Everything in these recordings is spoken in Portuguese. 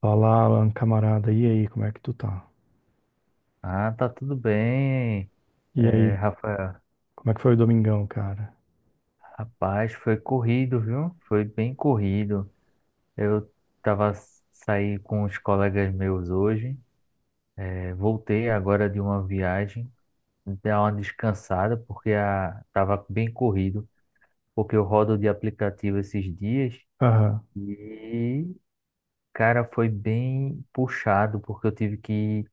Fala, Alan, camarada. E aí, como é que tu tá? Ah, tá tudo bem, E aí, Rafael. como é que foi o domingão, cara? Rapaz, foi corrido, viu? Foi bem corrido. Eu saí com os colegas meus hoje. Voltei agora de uma viagem, dar uma descansada porque tava bem corrido, porque eu rodo de aplicativo esses dias Aham. e cara, foi bem puxado porque eu tive que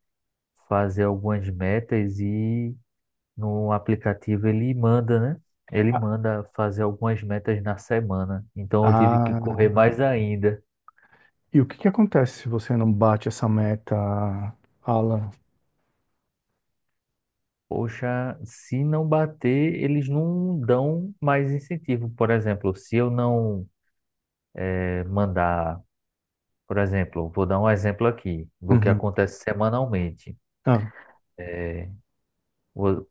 fazer algumas metas e no aplicativo ele manda, né? Ele Ah, manda fazer algumas metas na semana. Então eu tive que ah, correr mais ainda. e o que que acontece se você não bate essa meta, Alan? Poxa, se não bater, eles não dão mais incentivo. Por exemplo, se eu não mandar, por exemplo, vou dar um exemplo aqui do que Uhum. acontece semanalmente. Ah, É, Vo-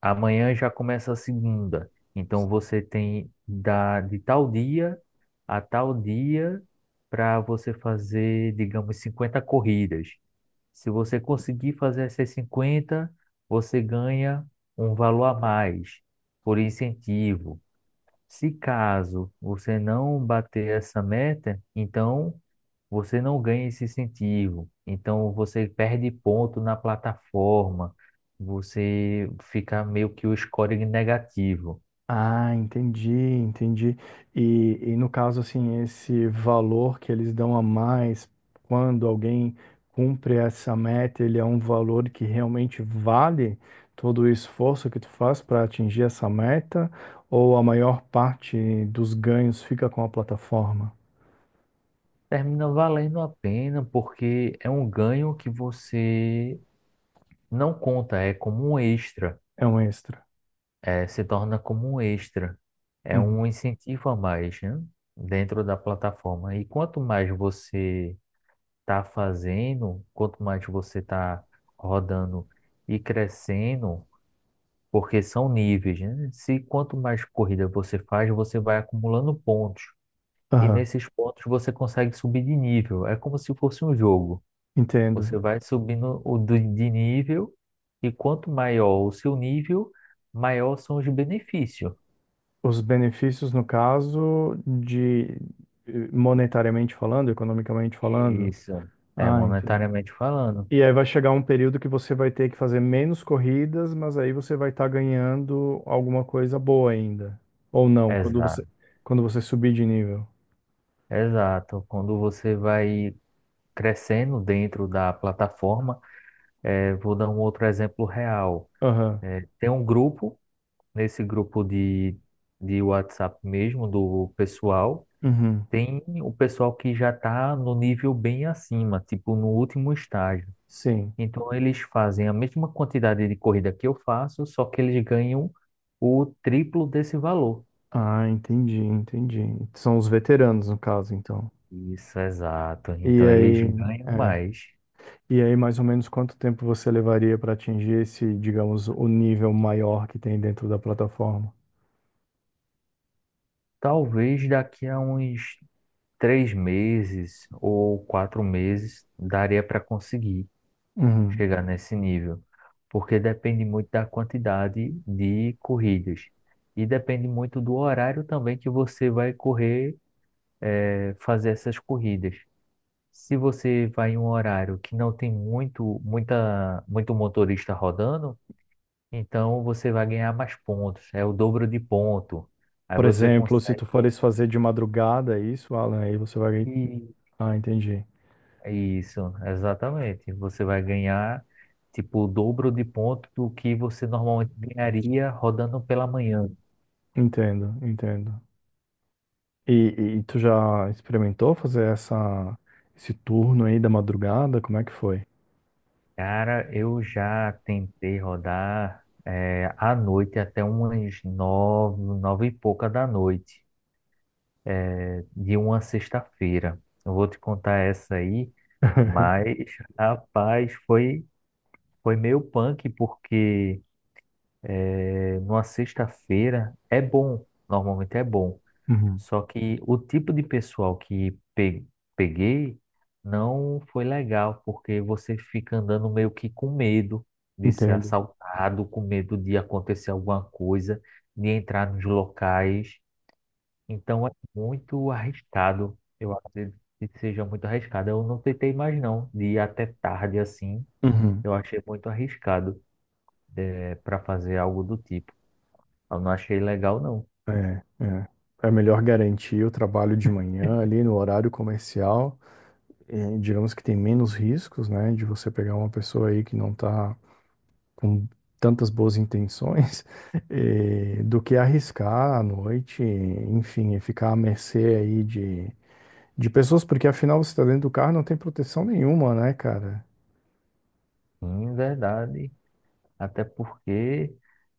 Amanhã já começa a segunda. Então você tem de tal dia a tal dia para você fazer, digamos, 50 corridas. Se você conseguir fazer essas 50, você ganha um valor a mais por incentivo. Se caso você não bater essa meta, então você não ganha esse incentivo. Então você perde ponto na plataforma, você fica meio que o scoring negativo. Entendi, entendi. E no caso, assim, esse valor que eles dão a mais quando alguém cumpre essa meta, ele é um valor que realmente vale todo o esforço que tu faz para atingir essa meta, ou a maior parte dos ganhos fica com a plataforma? Termina valendo a pena porque é um ganho que você não conta, é como um extra, É um extra. Se torna como um extra, é Uhum. um incentivo a mais, né, dentro da plataforma. E quanto mais você está fazendo, quanto mais você está rodando e crescendo, porque são níveis, né? Se quanto mais corrida você faz, você vai acumulando pontos. E Aham, nesses pontos você consegue subir de nível. É como se fosse um jogo. Você entendo. vai subindo o de nível e quanto maior o seu nível, maior são os benefícios. Os benefícios, no caso, de monetariamente falando, economicamente falando. Isso, é Ah, entendi. monetariamente falando. E aí vai chegar um período que você vai ter que fazer menos corridas, mas aí você vai estar ganhando alguma coisa boa ainda. Ou não, Exato, quando você subir de nível. exato. Quando você vai crescendo dentro da plataforma, vou dar um outro exemplo real. Aham. Tem um grupo, nesse grupo de WhatsApp mesmo, do pessoal, Uhum. tem o pessoal que já está no nível bem acima, tipo no último estágio. Sim. Então eles fazem a mesma quantidade de corrida que eu faço, só que eles ganham o triplo desse valor. Ah, entendi, entendi. São os veteranos, no caso, então. Isso, exato. E Então eles aí, ganham é. mais. E aí, mais ou menos quanto tempo você levaria para atingir esse, digamos, o nível maior que tem dentro da plataforma? Talvez daqui a uns 3 meses ou 4 meses daria para conseguir Uhum. chegar nesse nível, porque depende muito da quantidade de corridas e depende muito do horário também que você vai correr, fazer essas corridas. Se você vai em um horário que não tem muito, muita, muito motorista rodando, então você vai ganhar mais pontos. É o dobro de ponto. Aí Por você exemplo, se tu consegue. fores fazer de madrugada é isso, Alan, aí você vai. E- Ah, entendi. é isso, exatamente. Você vai ganhar tipo o dobro de ponto do que você normalmente ganharia rodando pela manhã. Entendo, entendo. E, e tu já experimentou fazer esse turno aí da madrugada? Como é que foi? Cara, eu já tentei rodar à noite até umas nove e pouca da noite. De uma sexta-feira. Eu vou te contar essa aí, mas, rapaz, foi meio punk, porque numa sexta-feira é bom, normalmente é bom. Uhum, Só que o tipo de pessoal que peguei não foi legal, porque você fica andando meio que com medo de ser entendo. assaltado, com medo de acontecer alguma coisa, de entrar nos locais. Então é muito arriscado. Eu acredito que seja muito arriscado. Eu não tentei mais não, de ir até tarde assim. Uhum. Eu achei muito arriscado para fazer algo do tipo. Eu não achei legal não, É, é. É melhor garantir o trabalho de manhã ali no horário comercial. E digamos que tem menos riscos, né, de você pegar uma pessoa aí que não tá com tantas boas intenções, e do que arriscar à noite, enfim, e ficar à mercê aí de pessoas, porque afinal você está dentro do carro e não tem proteção nenhuma, né, cara? em verdade. Até porque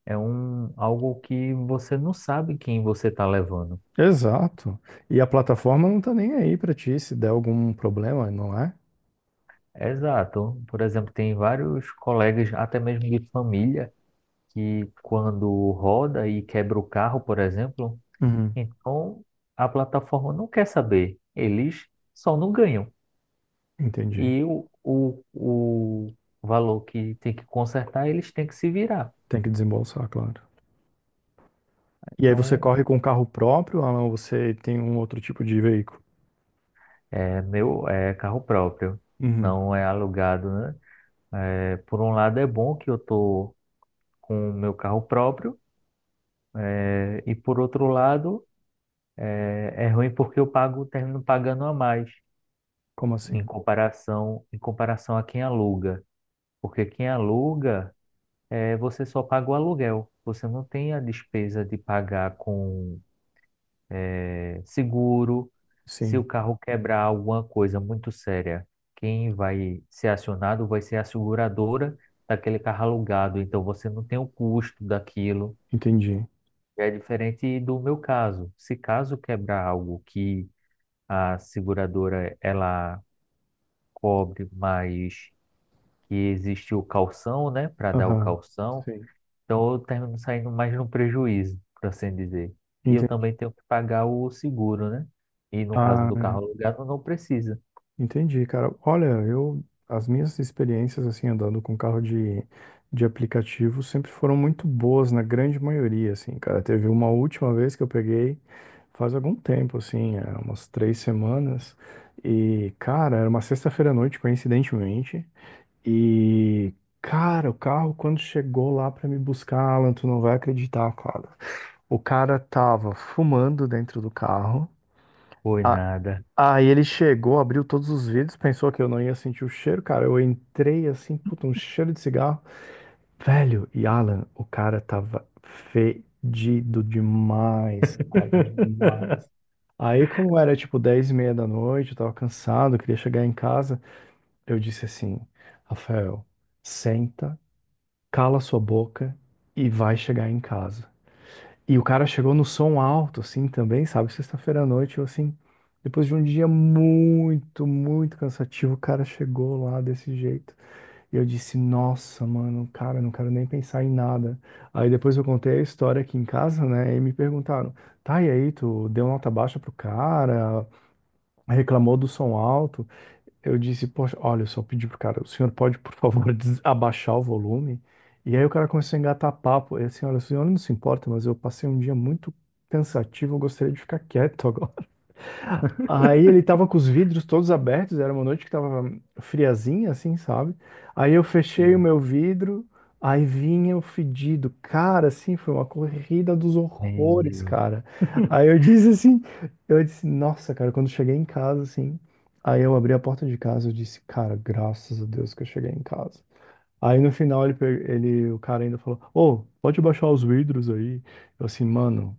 é um algo que você não sabe quem você está levando. Exato. E a plataforma não tá nem aí pra ti se der algum problema, não é? Exato. Por exemplo, tem vários colegas, até mesmo de família, que quando roda e quebra o carro, por exemplo. Uhum. Então, a plataforma não quer saber, eles só não ganham. Entendi. E o valor que tem que consertar, eles têm que se virar. Tem que desembolsar, claro. E aí você Então, corre com um carro próprio ou não, você tem um outro tipo de veículo? é meu, é carro próprio, Uhum. não é alugado, né? Por um lado é bom que eu tô com o meu carro próprio, e por outro lado é ruim porque eu pago, termino pagando a mais Como em assim? comparação, em comparação a quem aluga. Porque quem aluga você só paga o aluguel. Você não tem a despesa de pagar com seguro. Se o Sim, carro quebrar alguma coisa muito séria, quem vai ser acionado vai ser a seguradora daquele carro alugado. Então você não tem o custo daquilo. entendi. É diferente do meu caso. Se caso quebrar algo que a seguradora ela cobre, mas que existe o calção, né, para dar o Aham, calção. sim, Então eu termino saindo mais no prejuízo, por assim dizer. E eu entendi. também tenho que pagar o seguro, né? E no caso do carro Ah, alugado, não precisa. Entendi, cara. Olha, eu as minhas experiências assim andando com carro de aplicativo sempre foram muito boas na grande maioria, assim, cara. Teve uma última vez que eu peguei faz algum tempo, assim, é, umas três semanas. E, cara, era uma sexta-feira à noite, coincidentemente. E, cara, o carro quando chegou lá pra me buscar, Alan, tu não vai acreditar, cara. O cara tava fumando dentro do carro. Foi nada. Aí ele chegou, abriu todos os vidros, pensou que eu não ia sentir o cheiro, cara. Eu entrei assim, puta, um cheiro de cigarro. Velho, e Alan, o cara tava fedido demais, cara, demais. Aí, como era tipo 10 e meia da noite, eu tava cansado, eu queria chegar em casa, eu disse assim: Rafael, senta, cala sua boca e vai chegar em casa. E o cara chegou no som alto, assim, também, sabe? Sexta-feira à noite, eu, assim, depois de um dia muito, muito cansativo, o cara chegou lá desse jeito. E eu disse, nossa, mano, cara, não quero nem pensar em nada. Aí depois eu contei a história aqui em casa, né? E me perguntaram, tá, e aí, tu deu nota baixa pro cara, reclamou do som alto? Eu disse, poxa, olha, eu só pedi pro cara, o senhor pode, por favor, abaixar o volume? E aí o cara começou a engatar papo. E assim, olha, o senhor não se importa, mas eu passei um dia muito cansativo, eu gostaria de ficar quieto. Aí ele tava com os vidros todos abertos, era uma noite que tava friazinha, assim, sabe? Aí eu fechei o Sim. meu vidro, aí vinha o fedido. Cara, assim, foi uma corrida dos horrores, Meu, cara. Aí eu disse assim, eu disse, nossa, cara, quando eu cheguei em casa, assim, aí eu abri a porta de casa, eu disse, cara, graças a Deus que eu cheguei em casa. Aí no final o cara ainda falou, ô, pode baixar os vidros aí. Eu assim, mano,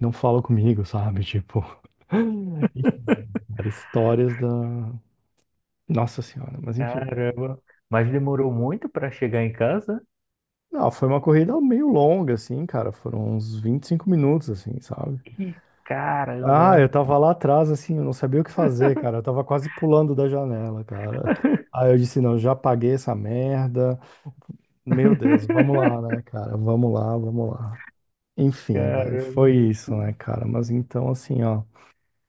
não fala comigo, sabe? Tipo. Cara, histórias da. Nossa Senhora, mas enfim. caramba. Mas demorou muito para chegar em casa? Não, foi uma corrida meio longa, assim, cara. Foram uns 25 minutos, assim, sabe? Ih, Ah, caramba. eu tava lá atrás, assim, eu não sabia o que fazer, cara. Eu tava quase pulando da janela, cara. Aí eu disse, não, já paguei essa merda. Meu Deus, vamos lá, né, cara? Vamos lá, vamos lá. Enfim, vai. Caramba. Foi isso, né, cara? Mas então, assim, ó,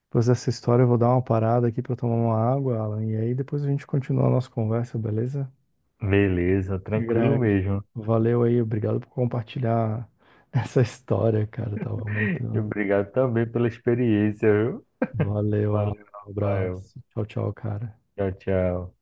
depois dessa história eu vou dar uma parada aqui pra eu tomar uma água, Alan, e aí depois a gente continua a nossa conversa, beleza? Beleza, tranquilo Grande. mesmo. Valeu aí, obrigado por compartilhar essa história, cara. Tava muito. E obrigado também pela experiência, viu? Valeu, Valeu, Alan. Um Rafael. abraço. Tchau, tchau, cara. Tchau, tchau.